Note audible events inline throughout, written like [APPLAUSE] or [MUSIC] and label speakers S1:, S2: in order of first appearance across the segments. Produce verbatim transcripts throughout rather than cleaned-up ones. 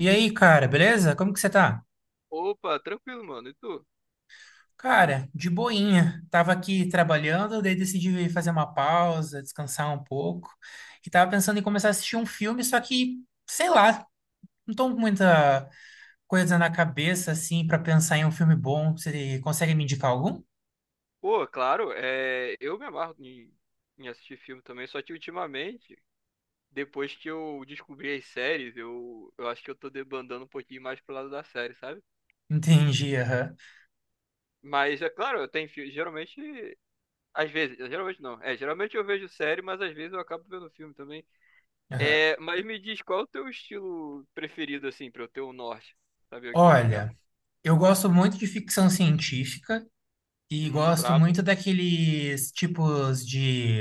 S1: E aí, cara, beleza? Como que você tá?
S2: Opa, tranquilo, mano. E tu?
S1: Cara, de boinha. Tava aqui trabalhando, daí decidi fazer uma pausa, descansar um pouco. E tava pensando em começar a assistir um filme, só que, sei lá, não tô com muita coisa na cabeça, assim, pra pensar em um filme bom. Você consegue me indicar algum?
S2: Pô, claro, é, eu me amarro em, em assistir filme também, só que ultimamente, depois que eu descobri as séries, eu, eu acho que eu tô debandando um pouquinho mais pro lado da série, sabe?
S1: [LAUGHS] Entendi, aham.
S2: Mas é claro, eu tenho filme, geralmente, às vezes, geralmente não. É, geralmente eu vejo série, mas às vezes eu acabo vendo filme também.
S1: Aham.
S2: É, mas me diz, qual é o teu estilo preferido, assim, pra eu ter um norte? Saber o que indicar.
S1: Olha, eu gosto muito de ficção científica e
S2: Hum,
S1: gosto
S2: brabo.
S1: muito daqueles tipos de.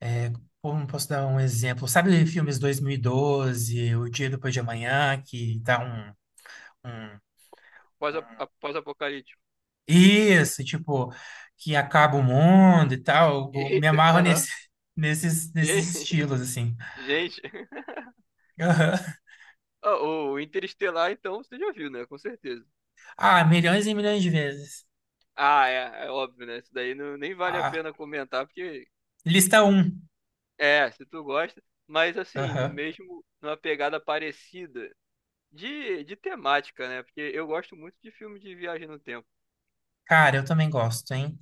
S1: É, como posso dar um exemplo? Sabe filmes dois mil e doze O Dia Depois de Amanhã, que dá um, um...
S2: Pós-apocalíptico. Pós-apocalíptico.
S1: Isso, tipo, que acaba o mundo e tal. Eu me
S2: Eita,
S1: amarro nesse,
S2: aham.
S1: [LAUGHS] nesses, nesses estilos,
S2: [LAUGHS]
S1: assim.
S2: Gente,
S1: Aham.
S2: ah, O Interestelar, então, você já viu, né? Com certeza.
S1: Ah, milhões e milhões de vezes.
S2: Ah, é, é óbvio, né? Isso daí não, nem vale a
S1: Ah,
S2: pena comentar, porque
S1: lista um.
S2: é, se tu gosta, mas assim, no
S1: Aham.
S2: mesmo, numa pegada parecida de, de temática, né? Porque eu gosto muito de filme de viagem no tempo.
S1: Cara, eu também gosto, hein?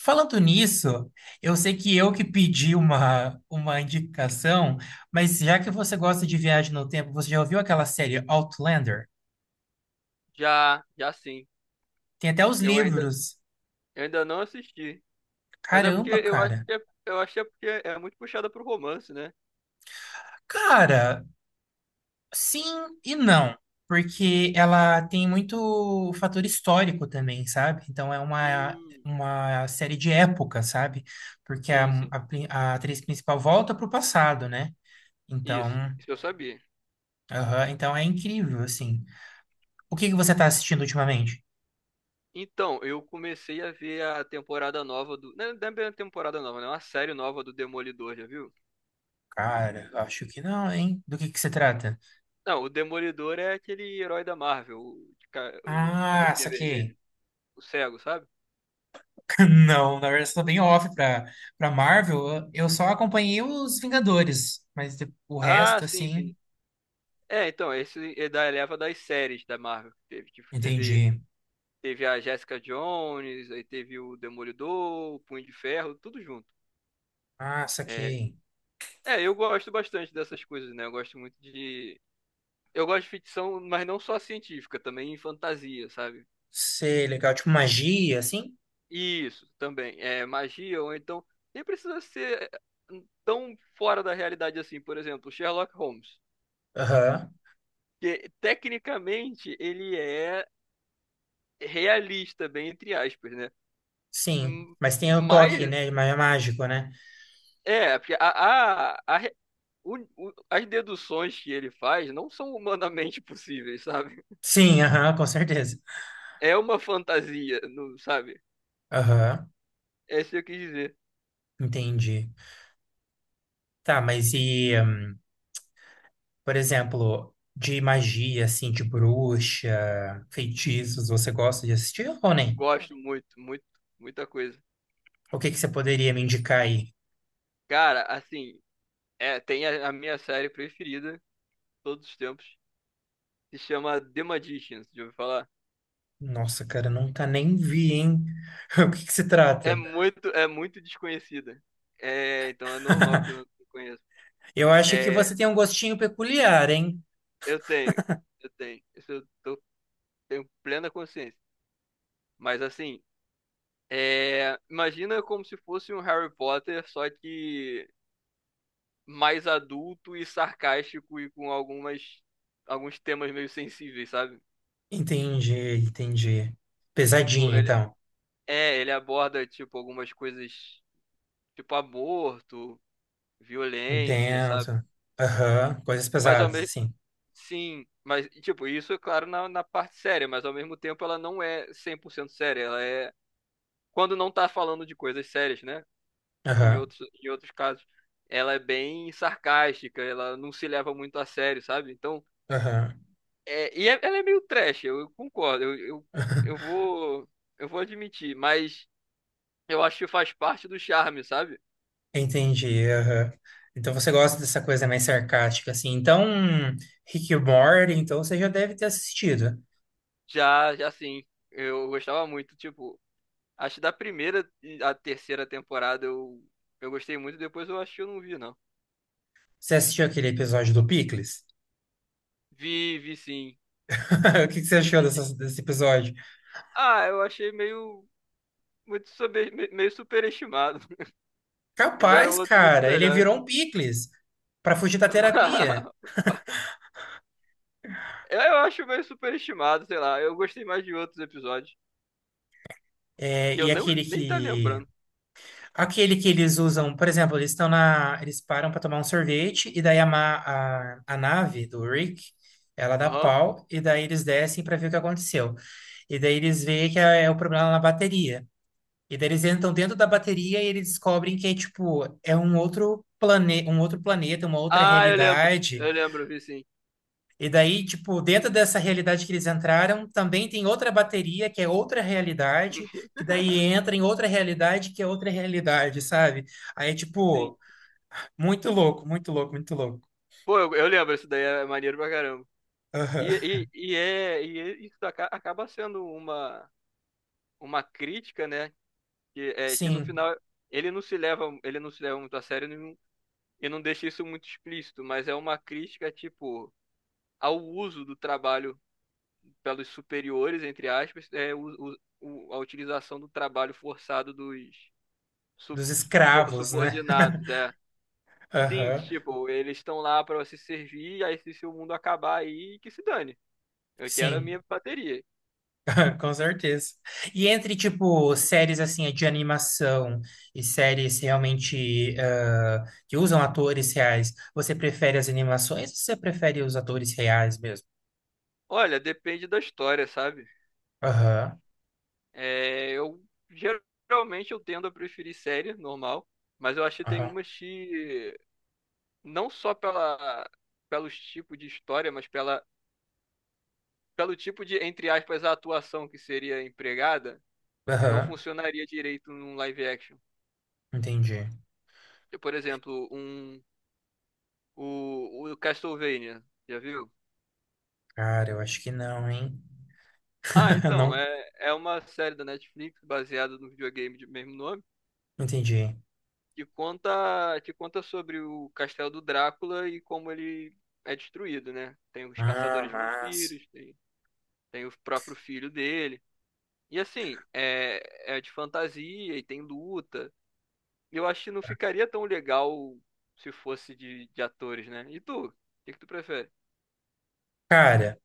S1: Falando nisso, eu sei que eu que pedi uma, uma indicação, mas já que você gosta de viagem no tempo, você já ouviu aquela série Outlander?
S2: Já, já sim.
S1: Tem até os
S2: Eu ainda,
S1: livros.
S2: eu ainda não assisti. Mas é porque
S1: Caramba,
S2: eu acho
S1: cara.
S2: que é, eu acho que é porque é muito puxada pro romance, né?
S1: Cara, sim e não. Porque ela tem muito fator histórico também, sabe? Então é uma,
S2: Hum,
S1: uma série de época, sabe? Porque a,
S2: sim, sim.
S1: a, pri- a atriz principal volta pro passado, né? Então,
S2: Isso. Isso eu sabia.
S1: aham, então é incrível, assim. O que que você tá assistindo ultimamente?
S2: Então, eu comecei a ver a temporada nova do. Não, não é bem a temporada nova, né? Uma série nova do Demolidor, já viu?
S1: Cara, acho que não, hein? Do que que se trata?
S2: Não, o Demolidor é aquele herói da Marvel, o de, ca- o de
S1: Ah,
S2: roupinha vermelha,
S1: saquei.
S2: o cego, sabe?
S1: Não, na verdade, eu sou bem off pra, pra Marvel. Eu só acompanhei os Vingadores, mas de- o
S2: Ah,
S1: resto,
S2: sim,
S1: assim,
S2: sim. É, então, esse é da leva das séries da Marvel. Que teve, tipo, teve,
S1: entendi.
S2: teve a Jessica Jones, aí teve o Demolidor, o Punho de Ferro, tudo junto.
S1: Ah,
S2: É,
S1: saquei.
S2: é, eu gosto bastante dessas coisas, né? Eu gosto muito de. Eu gosto de ficção, mas não só científica, também fantasia, sabe?
S1: Sei, legal. Tipo magia, assim?
S2: Isso, também. É magia, ou então. Nem precisa ser tão fora da realidade assim. Por exemplo, Sherlock Holmes.
S1: Aham,
S2: Que tecnicamente ele é realista, bem entre aspas, né?
S1: sim.
S2: Hum,
S1: Mas tem o toque,
S2: mas,
S1: né? Mas é mágico, né?
S2: é, porque a, a, a re- o- o- as deduções que ele faz não são humanamente [LAUGHS] possíveis, sabe?
S1: Sim, aham, com certeza.
S2: É uma fantasia, não, sabe?
S1: Aham,
S2: É isso que eu quis dizer.
S1: entendi. Tá, mas e, hum, por exemplo, de magia, assim, de bruxa, feitiços, você gosta de assistir ou nem?
S2: Gosto muito, muito, muita coisa.
S1: O que que você poderia me indicar aí?
S2: Cara, assim, é, tem a a minha série preferida todos os tempos. Se chama The Magicians, já ouviu falar?
S1: Nossa, cara, nunca nem vi, hein? [LAUGHS] O que que se
S2: É
S1: trata?
S2: muito, é muito desconhecida. É, então é normal que eu não conheça.
S1: Eu acho que
S2: É,
S1: você tem um gostinho peculiar, hein?
S2: eu tenho, eu tenho. Isso eu tô- tenho plena consciência. Mas assim, é, imagina como se fosse um Harry Potter, só que mais adulto e sarcástico e com algumas, alguns temas meio sensíveis, sabe?
S1: Entendi, entendi.
S2: Tipo,
S1: Pesadinho,
S2: ele,
S1: então.
S2: é, ele aborda, tipo, algumas coisas, tipo aborto, violência, sabe?
S1: Intenso. Aham, coisas
S2: Mas ao
S1: pesadas,
S2: mesmo
S1: assim.
S2: sim, mas, tipo, isso é claro na, na parte séria, mas ao mesmo tempo ela não é cem por cento séria. Ela é. Quando não tá falando de coisas sérias, né? Em
S1: Aham,
S2: outros, em outros casos, ela é bem sarcástica, ela não se leva muito a sério, sabe? Então,
S1: aham.
S2: é, e é- ela é meio trash, eu, eu concordo, eu, eu, eu
S1: [LAUGHS]
S2: vou, eu vou admitir, mas eu acho que faz parte do charme, sabe?
S1: Entendi, aham. Então você gosta dessa coisa mais sarcástica, assim. Então, Rick e Morty, então você já deve ter assistido.
S2: Já, já sim, eu gostava muito, tipo, acho que da primeira à terceira temporada eu, eu gostei muito, depois eu acho que eu não vi, não.
S1: Você assistiu aquele episódio do Pickles?
S2: Vi, vi sim.
S1: [LAUGHS] O que que você achou dessa- desse episódio?
S2: Ah, eu achei meio muito sobre- me- meio superestimado. [LAUGHS] Tiveram
S1: Capaz,
S2: outros muito
S1: cara, ele
S2: melhores.
S1: virou um picles para fugir da terapia.
S2: [LAUGHS] Eu eu acho meio superestimado, sei lá. Eu gostei mais de outros episódios
S1: É,
S2: que eu
S1: e
S2: não
S1: aquele
S2: nem tá
S1: que
S2: lembrando.
S1: aquele que eles usam, por exemplo, eles estão na eles param para tomar um sorvete e daí a, ma- a, a nave do Rick, ela dá
S2: Aham.
S1: pau e daí eles descem para ver o que aconteceu. E daí eles veem que é, é o problema na bateria. E daí eles entram dentro da bateria e eles descobrem que é tipo é um outro plane, um outro planeta, uma outra
S2: Ah, eu lembro.
S1: realidade.
S2: Eu lembro, vi sim.
S1: E daí, tipo, dentro dessa realidade que eles entraram, também tem outra bateria, que é outra realidade,
S2: [LAUGHS]
S1: que daí entra em outra realidade, que é outra realidade, sabe? Aí,
S2: Sim.
S1: tipo, muito louco, muito louco, muito louco.
S2: Pô, eu, eu lembro, isso daí é maneiro pra caramba.
S1: Aham.
S2: E, e, e é e é- isso aca- acaba sendo uma uma crítica, né? Que é que no
S1: Sim,
S2: final ele não se leva ele não se leva muito a sério e não deixa isso muito explícito, mas é uma crítica, tipo, ao uso do trabalho pelos superiores, entre aspas, é o, o- o- a utilização do trabalho forçado dos
S1: dos
S2: sub- subo-
S1: escravos, né?
S2: subordinados,
S1: [LAUGHS]
S2: é. Sim,
S1: Aham.
S2: tipo, eles estão lá para se servir, aí se, se o mundo acabar aí, que se dane. Eu quero a
S1: Sim,
S2: minha bateria.
S1: [LAUGHS] com certeza. E entre, tipo, séries, assim, de animação e séries realmente ah, que usam atores reais, você prefere as animações ou você prefere os atores reais mesmo?
S2: Olha, depende da história, sabe?
S1: Aham.
S2: É, eu geralmente eu tendo a preferir série normal, mas eu acho que tem
S1: Aham.
S2: umas que não só pela, pelos tipos de história, mas pela, pelo tipo de, entre aspas, atuação que seria empregada, que não
S1: Aham.
S2: funcionaria direito num live action.
S1: Entendi.
S2: Por exemplo, um, o, o Castlevania, já viu?
S1: Cara, eu acho que não, hein?
S2: Ah,
S1: [LAUGHS]
S2: então,
S1: Não,
S2: é, é uma série da Netflix baseada no videogame de mesmo nome,
S1: entendi.
S2: que conta, que conta sobre o castelo do Drácula e como ele é destruído, né? Tem os
S1: Ah,
S2: caçadores de
S1: mas,
S2: vampiros, tem, tem o próprio filho dele. E assim, é, é de fantasia e tem luta. Eu acho que não ficaria tão legal se fosse de, de atores, né? E tu? O que que tu prefere?
S1: cara.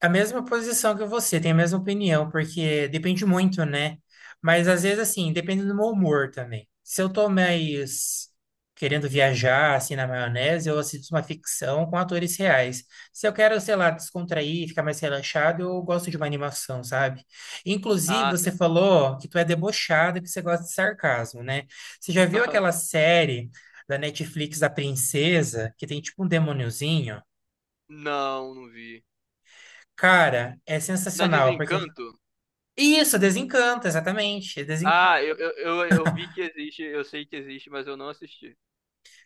S1: A mesma posição que você, tem a mesma opinião, porque depende muito, né? Mas às vezes, assim, depende do meu humor também. Se eu tô mais querendo viajar, assim, na maionese, eu assisto uma ficção com atores reais. Se eu quero, sei lá, descontrair, ficar mais relaxado, eu gosto de uma animação, sabe? Inclusive,
S2: Ah, sim.
S1: você falou que tu é debochada que você gosta de sarcasmo, né? Você já viu
S2: [LAUGHS]
S1: aquela série da Netflix da Princesa, que tem tipo um demôniozinho?
S2: Não, não vi.
S1: Cara, é
S2: Na
S1: sensacional, porque.
S2: Desencanto?
S1: Isso, Desencanto, exatamente, é Desencanto.
S2: Ah, eu, eu, eu, eu vi que existe, eu sei que existe, mas eu não assisti.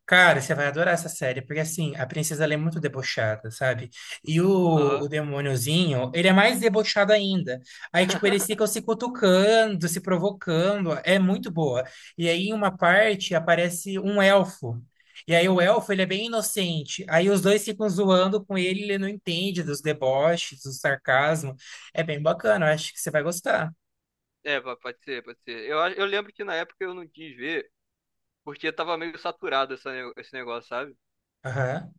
S1: Cara, você vai adorar essa série, porque assim, a princesa ela é muito debochada, sabe? E o,
S2: Aham.
S1: o demôniozinho, ele é mais debochado ainda. Aí, tipo, eles ficam se cutucando, se provocando, é muito boa. E aí, em uma parte, aparece um elfo. E aí, o elfo, ele é bem inocente. Aí, os dois ficam zoando com ele, ele não entende dos deboches, do sarcasmo. É bem bacana, eu acho que você vai gostar.
S2: É, pa- pode ser, pode ser. Eu, acho- eu lembro que na época eu não quis ver, porque tava meio saturado essa ne- esse negócio, sabe?
S1: Aham.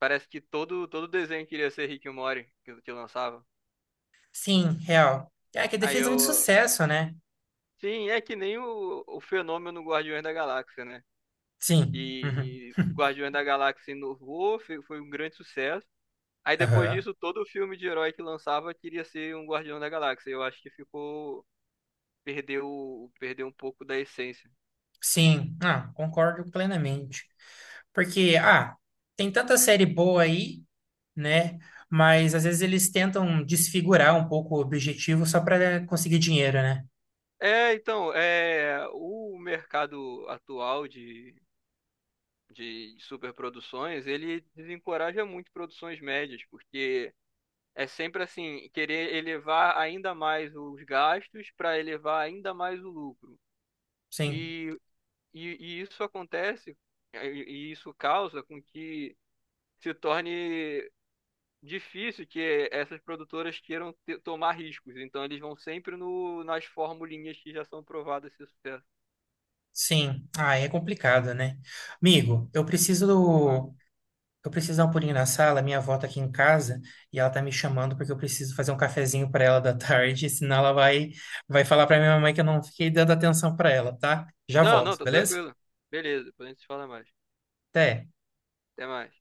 S2: Parece que todo, todo desenho queria ser Rick e Morty que, que lançava.
S1: Sim, real. É que ele
S2: Aí
S1: fez muito
S2: eu,
S1: sucesso, né?
S2: sim, é que nem o, o fenômeno Guardiões da Galáxia, né?
S1: Sim. Uhum.
S2: E
S1: [LAUGHS]
S2: Guardiões da Galáxia inovou, fe- foi um grande sucesso. Aí depois
S1: Aham.
S2: disso, todo filme de herói que lançava queria ser um Guardião da Galáxia. Eu acho que ficou, perdeu, perdeu um pouco da essência.
S1: Sim, ah, concordo plenamente. Porque, ah, tem tanta série boa aí, né? Mas às vezes eles tentam desfigurar um pouco o objetivo só para conseguir dinheiro, né?
S2: É, então, é, o mercado atual de, de superproduções, ele desencoraja muito produções médias, porque é sempre assim, querer elevar ainda mais os gastos para elevar ainda mais o lucro.
S1: Sim,
S2: E, e, e isso acontece, é, e e isso causa com que se torne difícil que essas produtoras queiram te- tomar riscos. Então eles vão sempre no, nas formulinhas que já são provadas esse sucesso.
S1: sim. Ah, é complicado, né? Amigo, eu
S2: É.
S1: preciso Eu preciso dar um pulinho na sala, minha avó tá aqui em casa e ela tá me chamando porque eu preciso fazer um cafezinho pra ela da [LAUGHS] tarde, senão ela vai vai falar pra minha mamãe que eu não fiquei dando atenção pra ela, tá? Já
S2: Não, não,
S1: volto,
S2: tá
S1: beleza?
S2: tranquilo. Beleza, depois a gente se fala mais.
S1: Até.
S2: Até mais.